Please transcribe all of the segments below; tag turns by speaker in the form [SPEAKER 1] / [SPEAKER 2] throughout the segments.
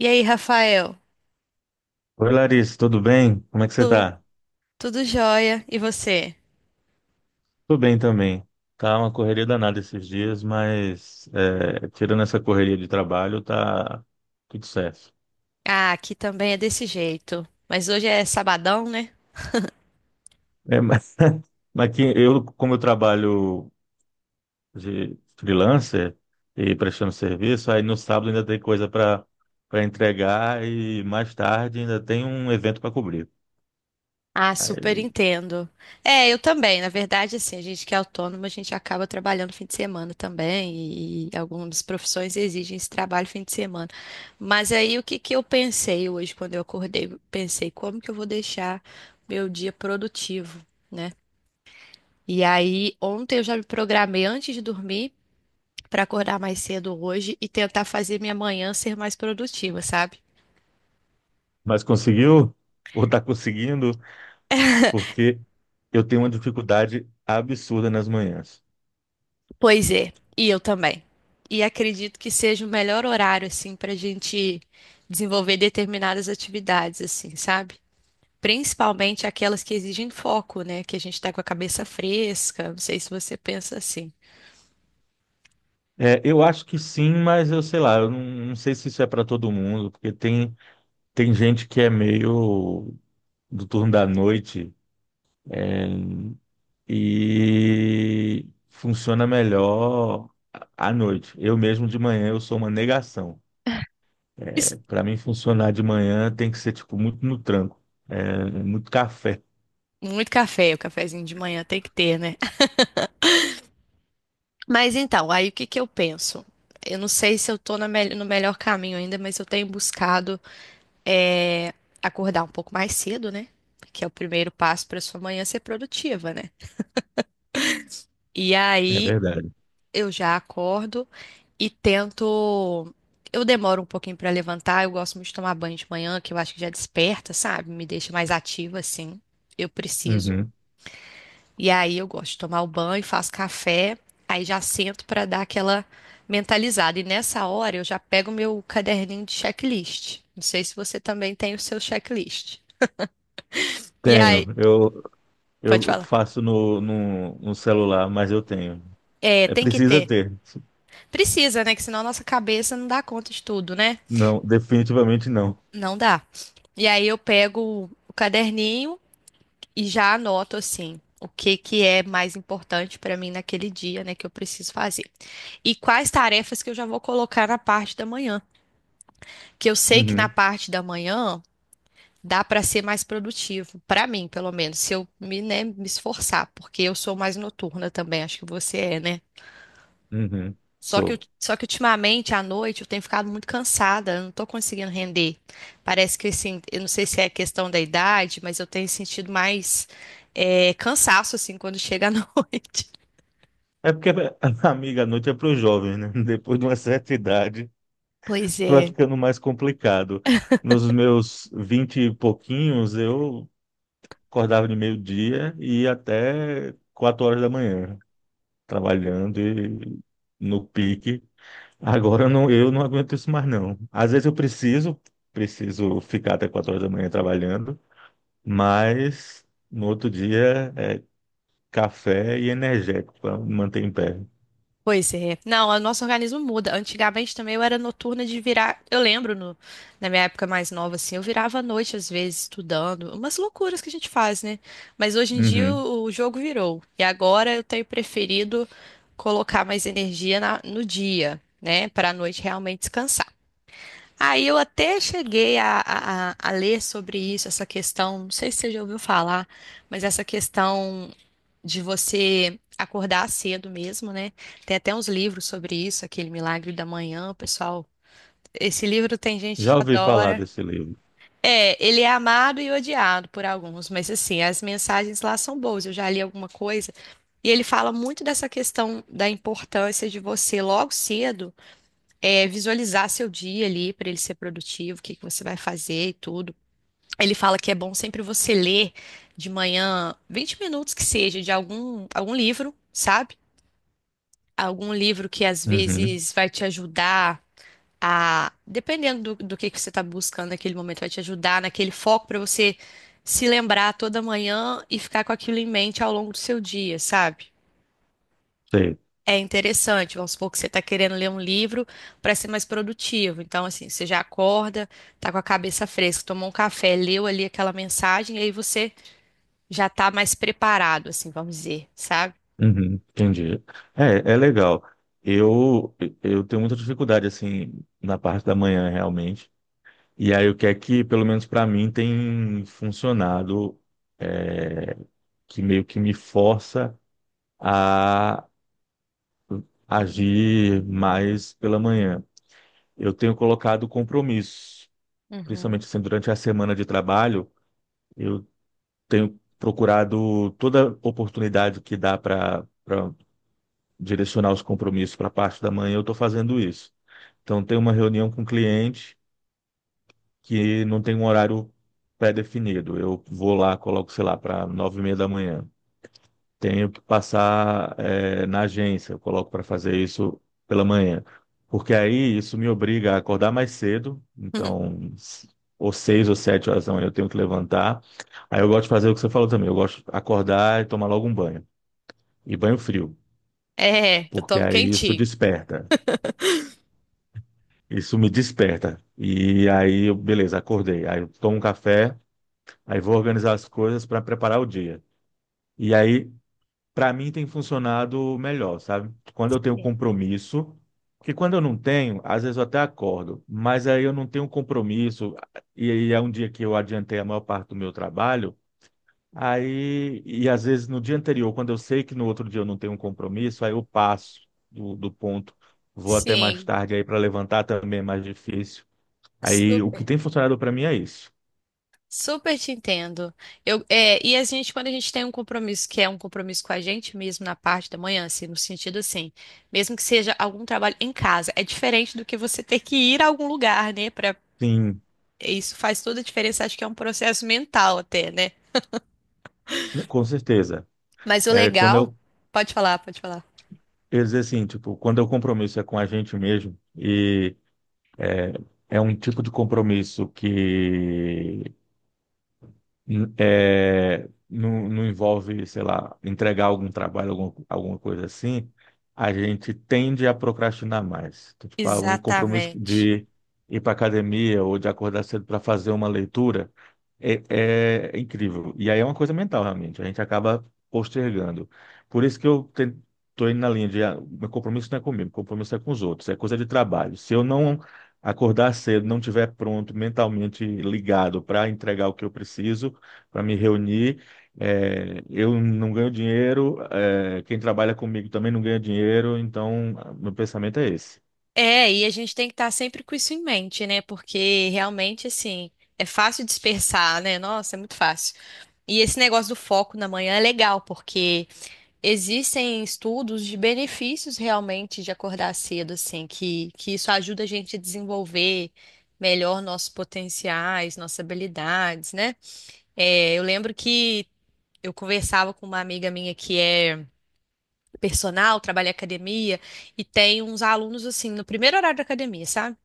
[SPEAKER 1] E aí, Rafael?
[SPEAKER 2] Oi, Larissa, tudo bem? Como é que você
[SPEAKER 1] Tu-
[SPEAKER 2] tá?
[SPEAKER 1] Tudo jóia? E você?
[SPEAKER 2] Tô bem também. Tá uma correria danada esses dias, mas tirando essa correria de trabalho, tá tudo certo.
[SPEAKER 1] Ah, aqui também é desse jeito. Mas hoje é sabadão, né?
[SPEAKER 2] É, mas, como eu trabalho de freelancer e prestando serviço, aí no sábado ainda tem coisa para entregar e mais tarde ainda tem um evento para cobrir.
[SPEAKER 1] Ah, super
[SPEAKER 2] Aí,
[SPEAKER 1] entendo. É, eu também. Na verdade, assim, a gente que é autônomo, a gente acaba trabalhando fim de semana também. E algumas profissões exigem esse trabalho fim de semana. Mas aí, o que que eu pensei hoje quando eu acordei? Pensei, como que eu vou deixar meu dia produtivo, né? E aí, ontem eu já me programei antes de dormir, para acordar mais cedo hoje e tentar fazer minha manhã ser mais produtiva, sabe?
[SPEAKER 2] mas conseguiu? Ou tá conseguindo? Porque eu tenho uma dificuldade absurda nas manhãs.
[SPEAKER 1] Pois é, e eu também. E acredito que seja o melhor horário, assim, para a gente desenvolver determinadas atividades, assim, sabe? Principalmente aquelas que exigem foco, né? Que a gente tá com a cabeça fresca. Não sei se você pensa assim.
[SPEAKER 2] É, eu acho que sim, mas eu sei lá, eu não, não sei se isso é para todo mundo, porque tem gente que é meio do turno da noite e funciona melhor à noite. Eu mesmo de manhã eu sou uma negação.
[SPEAKER 1] Isso-
[SPEAKER 2] Para mim funcionar de manhã tem que ser tipo muito no tranco, muito café.
[SPEAKER 1] Muito café, o cafezinho de manhã tem que ter, né? Mas então, aí o que que eu penso? Eu não sei se eu tô no melhor caminho ainda, mas eu tenho buscado é acordar um pouco mais cedo, né? Que é o primeiro passo para sua manhã ser produtiva, né? E
[SPEAKER 2] É
[SPEAKER 1] aí
[SPEAKER 2] verdade.
[SPEAKER 1] eu já acordo e tento. Eu demoro um pouquinho para levantar, eu gosto muito de tomar banho de manhã, que eu acho que já desperta, sabe? Me deixa mais ativa, assim. Eu preciso.
[SPEAKER 2] Uhum.
[SPEAKER 1] E aí eu gosto de tomar o banho, faço café, aí já sento para dar aquela mentalizada. E nessa hora eu já pego meu caderninho de checklist. Não sei se você também tem o seu checklist. E
[SPEAKER 2] Tenho,
[SPEAKER 1] aí, pode
[SPEAKER 2] eu
[SPEAKER 1] falar.
[SPEAKER 2] faço no celular, mas eu tenho.
[SPEAKER 1] É,
[SPEAKER 2] É
[SPEAKER 1] tem que
[SPEAKER 2] precisa
[SPEAKER 1] ter.
[SPEAKER 2] ter.
[SPEAKER 1] Precisa, né? Que senão a nossa cabeça não dá conta de tudo, né?
[SPEAKER 2] Não, definitivamente não.
[SPEAKER 1] Não dá. E aí eu pego o caderninho e já anoto assim o que que é mais importante para mim naquele dia, né, que eu preciso fazer. E quais tarefas que eu já vou colocar na parte da manhã, que eu sei que na
[SPEAKER 2] Uhum.
[SPEAKER 1] parte da manhã dá para ser mais produtivo, para mim, pelo menos, se eu me, né, me esforçar, porque eu sou mais noturna também, acho que você é, né?
[SPEAKER 2] Uhum,
[SPEAKER 1] Só que,
[SPEAKER 2] sou.
[SPEAKER 1] só que ultimamente, à noite, eu tenho ficado muito cansada, eu não tô conseguindo render. Parece que, assim, eu não sei se é questão da idade, mas eu tenho sentido mais cansaço, assim, quando chega à noite.
[SPEAKER 2] É porque a amiga, à noite é para os jovens, né? Depois de uma certa idade,
[SPEAKER 1] Pois
[SPEAKER 2] vai
[SPEAKER 1] é.
[SPEAKER 2] ficando mais complicado. Nos meus vinte e pouquinhos, eu acordava de meio-dia e ia até 4 horas da manhã, trabalhando e no pique. Agora eu não aguento isso mais, não. Às vezes preciso ficar até 4 horas da manhã trabalhando, mas no outro dia é café e energético para manter em pé.
[SPEAKER 1] Pois é. Não, o nosso organismo muda. Antigamente também eu era noturna de virar. Eu lembro na minha época mais nova, assim, eu virava à noite, às vezes, estudando. Umas loucuras que a gente faz, né? Mas hoje em dia
[SPEAKER 2] Uhum.
[SPEAKER 1] o jogo virou. E agora eu tenho preferido colocar mais energia no dia, né? Para a noite realmente descansar. Aí eu até cheguei a ler sobre isso, essa questão. Não sei se você já ouviu falar, mas essa questão de você acordar cedo mesmo, né? Tem até uns livros sobre isso, aquele Milagre da Manhã, pessoal. Esse livro tem gente que
[SPEAKER 2] Já ouvi falar
[SPEAKER 1] adora.
[SPEAKER 2] desse livro.
[SPEAKER 1] É, ele é amado e odiado por alguns, mas assim, as mensagens lá são boas. Eu já li alguma coisa e ele fala muito dessa questão da importância de você logo cedo, visualizar seu dia ali para ele ser produtivo, o que que você vai fazer e tudo. Ele fala que é bom sempre você ler de manhã 20 minutos que seja de algum livro, sabe? Algum livro que às
[SPEAKER 2] Uhum,
[SPEAKER 1] vezes vai te ajudar a, dependendo do que você está buscando naquele momento, vai te ajudar naquele foco para você se lembrar toda manhã e ficar com aquilo em mente ao longo do seu dia, sabe?
[SPEAKER 2] sei.
[SPEAKER 1] É interessante, vamos supor que você está querendo ler um livro para ser mais produtivo. Então, assim, você já acorda, tá com a cabeça fresca, tomou um café, leu ali aquela mensagem, e aí você já tá mais preparado, assim, vamos dizer, sabe?
[SPEAKER 2] Uhum, entendi. É, é legal. Eu, eu tenho muita dificuldade, assim, na parte da manhã, realmente. E aí, o que é que, pelo menos para mim, tem funcionado, é, que meio que me força a agir mais pela manhã. Eu tenho colocado compromissos,
[SPEAKER 1] Uhum.
[SPEAKER 2] principalmente assim, durante a semana de trabalho, eu tenho procurado toda oportunidade que dá para direcionar os compromissos para a parte da manhã, eu estou fazendo isso. Então, tem uma reunião com o cliente que não tem um horário pré-definido. Eu vou lá, coloco, sei lá, para 9:30 da manhã. Tenho que passar, na agência, eu coloco para fazer isso pela manhã. Porque aí isso me obriga a acordar mais cedo, então, ou 6 ou 7 horas da manhã eu tenho que levantar. Aí eu gosto de fazer o que você falou também, eu gosto de acordar e tomar logo um banho. E banho frio,
[SPEAKER 1] É, eu
[SPEAKER 2] porque
[SPEAKER 1] tomo
[SPEAKER 2] aí isso
[SPEAKER 1] quentinho.
[SPEAKER 2] desperta. Isso me desperta. E aí, eu, beleza, acordei. Aí eu tomo um café, aí vou organizar as coisas para preparar o dia. E aí, para mim, tem funcionado melhor, sabe? Quando eu tenho
[SPEAKER 1] Sim.
[SPEAKER 2] compromisso, porque quando eu não tenho, às vezes eu até acordo, mas aí eu não tenho compromisso, e aí é um dia que eu adiantei a maior parte do meu trabalho. Aí, e às vezes no dia anterior, quando eu sei que no outro dia eu não tenho um compromisso, aí eu passo do ponto, vou até mais
[SPEAKER 1] Sim.
[SPEAKER 2] tarde aí para levantar também é mais difícil. Aí o que
[SPEAKER 1] Super,
[SPEAKER 2] tem funcionado para mim é isso.
[SPEAKER 1] super te entendo. Eu, e a gente, quando a gente tem um compromisso que é um compromisso com a gente mesmo na parte da manhã, assim, no sentido assim, mesmo que seja algum trabalho em casa, é diferente do que você ter que ir a algum lugar, né? Pra,
[SPEAKER 2] Sim,
[SPEAKER 1] isso faz toda a diferença, acho que é um processo mental até, né?
[SPEAKER 2] com certeza.
[SPEAKER 1] Mas o
[SPEAKER 2] É quando
[SPEAKER 1] legal,
[SPEAKER 2] eu,
[SPEAKER 1] pode falar, pode falar.
[SPEAKER 2] eu dizer assim, tipo, quando o compromisso é com a gente mesmo e é, é um tipo de compromisso que não, não envolve, sei lá, entregar algum trabalho, alguma coisa assim, a gente tende a procrastinar mais. Então, tipo, ah, um compromisso
[SPEAKER 1] Exatamente.
[SPEAKER 2] de ir para academia ou de acordar cedo para fazer uma leitura é, é incrível. E aí é uma coisa mental, realmente. A gente acaba postergando. Por isso que eu estou indo na linha de ah, meu compromisso não é comigo, meu compromisso é com os outros, é coisa de trabalho. Se eu não acordar cedo, não tiver pronto, mentalmente ligado para entregar o que eu preciso, para me reunir. É, eu não ganho dinheiro, é, quem trabalha comigo também não ganha dinheiro, então meu pensamento é esse.
[SPEAKER 1] É, e a gente tem que estar sempre com isso em mente, né? Porque realmente, assim, é fácil dispersar, né? Nossa, é muito fácil. E esse negócio do foco na manhã é legal, porque existem estudos de benefícios realmente de acordar cedo, assim, que isso ajuda a gente a desenvolver melhor nossos potenciais, nossas habilidades, né? É, eu lembro que eu conversava com uma amiga minha que é personal, trabalha em academia, e tem uns alunos, assim, no primeiro horário da academia, sabe?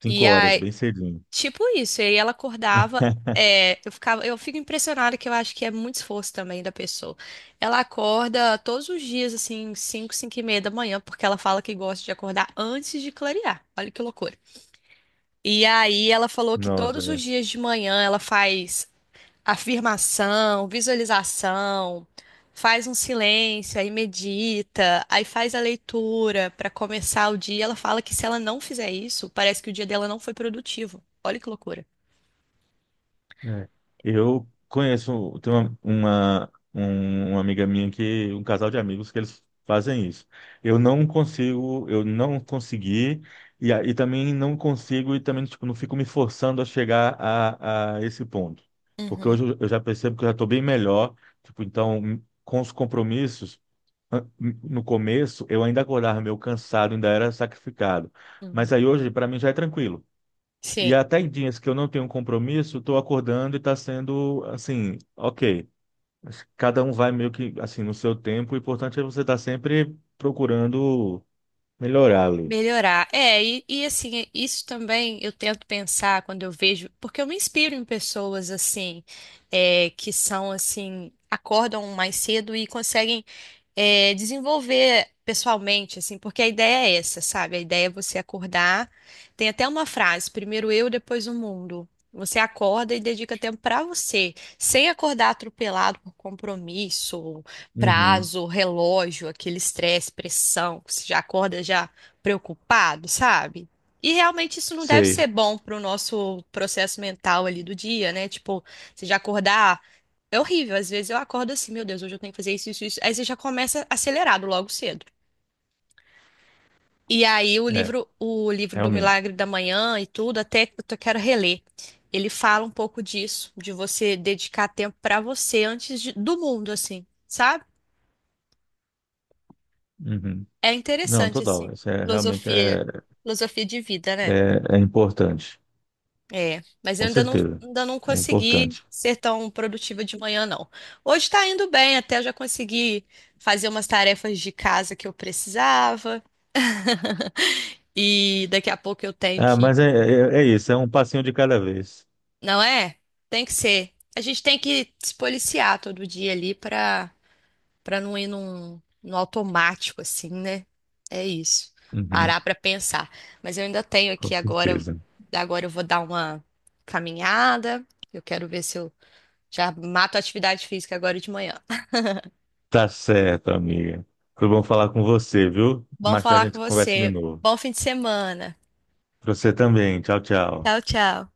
[SPEAKER 2] 5 horas,
[SPEAKER 1] E
[SPEAKER 2] bem cedinho.
[SPEAKER 1] tipo isso, e aí ela acordava, é, eu ficava, eu fico impressionada que eu acho que é muito esforço também da pessoa. Ela acorda todos os dias, assim, 5, 5:30 da manhã, porque ela fala que gosta de acordar antes de clarear. Olha que loucura. E aí ela falou que
[SPEAKER 2] Nossa,
[SPEAKER 1] todos os
[SPEAKER 2] é.
[SPEAKER 1] dias de manhã ela faz afirmação, visualização, faz um silêncio, aí medita, aí faz a leitura para começar o dia. Ela fala que se ela não fizer isso, parece que o dia dela não foi produtivo. Olha que loucura.
[SPEAKER 2] É. Eu conheço, tem uma amiga minha que, um casal de amigos que eles fazem isso. Eu não consigo, eu não consegui, e também não consigo, e também tipo, não fico me forçando a chegar a esse ponto. Porque
[SPEAKER 1] Uhum,
[SPEAKER 2] hoje eu já percebo que eu já estou bem melhor, tipo, então, com os compromissos, an- no começo eu ainda acordava meio cansado, ainda era sacrificado. Mas
[SPEAKER 1] uhum.
[SPEAKER 2] aí hoje, para mim, já é tranquilo. E
[SPEAKER 1] Sim.
[SPEAKER 2] até em dias que eu não tenho compromisso, estou acordando e está sendo assim, ok. Cada um vai meio que assim no seu tempo. O importante é você estar sempre procurando melhorar ali.
[SPEAKER 1] Melhorar. É, e assim, isso também eu tento pensar quando eu vejo, porque eu me inspiro em pessoas assim, é, que são assim, acordam mais cedo e conseguem, é, desenvolver pessoalmente, assim, porque a ideia é essa, sabe? A ideia é você acordar. Tem até uma frase, primeiro eu, depois o mundo. Você acorda e dedica tempo para você, sem acordar atropelado por compromisso,
[SPEAKER 2] Uhum.
[SPEAKER 1] prazo, relógio, aquele estresse, pressão, que você já acorda já preocupado, sabe? E realmente isso não deve
[SPEAKER 2] Sei.
[SPEAKER 1] ser bom pro nosso processo mental ali do dia, né? Tipo, você já acordar. É horrível, às vezes eu acordo assim, meu Deus, hoje eu tenho que fazer isso, isso, isso. Aí você já começa acelerado logo cedo. E aí
[SPEAKER 2] É,
[SPEAKER 1] o livro do
[SPEAKER 2] realmente.
[SPEAKER 1] Milagre da Manhã e tudo, até que eu quero reler. Ele fala um pouco disso, de você dedicar tempo pra você antes do mundo, assim, sabe?
[SPEAKER 2] Uhum.
[SPEAKER 1] É
[SPEAKER 2] Não,
[SPEAKER 1] interessante, assim,
[SPEAKER 2] total. Realmente
[SPEAKER 1] filosofia, filosofia de vida, né?
[SPEAKER 2] é importante.
[SPEAKER 1] É, mas eu
[SPEAKER 2] Com certeza.
[SPEAKER 1] ainda não
[SPEAKER 2] É
[SPEAKER 1] consegui
[SPEAKER 2] importante.
[SPEAKER 1] ser tão produtiva de manhã, não. Hoje tá indo bem, até eu já consegui fazer umas tarefas de casa que eu precisava. E daqui a pouco eu tenho
[SPEAKER 2] Ah,
[SPEAKER 1] que.
[SPEAKER 2] mas é isso. É um passinho de cada vez.
[SPEAKER 1] Não é? Tem que ser. A gente tem que se policiar todo dia ali pra não ir num automático, assim, né? É isso.
[SPEAKER 2] Uhum.
[SPEAKER 1] Parar pra pensar. Mas eu ainda tenho
[SPEAKER 2] Com
[SPEAKER 1] aqui agora.
[SPEAKER 2] certeza.
[SPEAKER 1] Agora eu vou dar uma caminhada. Eu quero ver se eu já mato a atividade física agora de manhã.
[SPEAKER 2] Tá certo, amiga. Foi bom falar com você, viu?
[SPEAKER 1] Bom
[SPEAKER 2] Mais tarde a
[SPEAKER 1] falar com
[SPEAKER 2] gente conversa de
[SPEAKER 1] você.
[SPEAKER 2] novo.
[SPEAKER 1] Bom fim de semana.
[SPEAKER 2] Pra Você também. Tchau, tchau.
[SPEAKER 1] Tchau, tchau.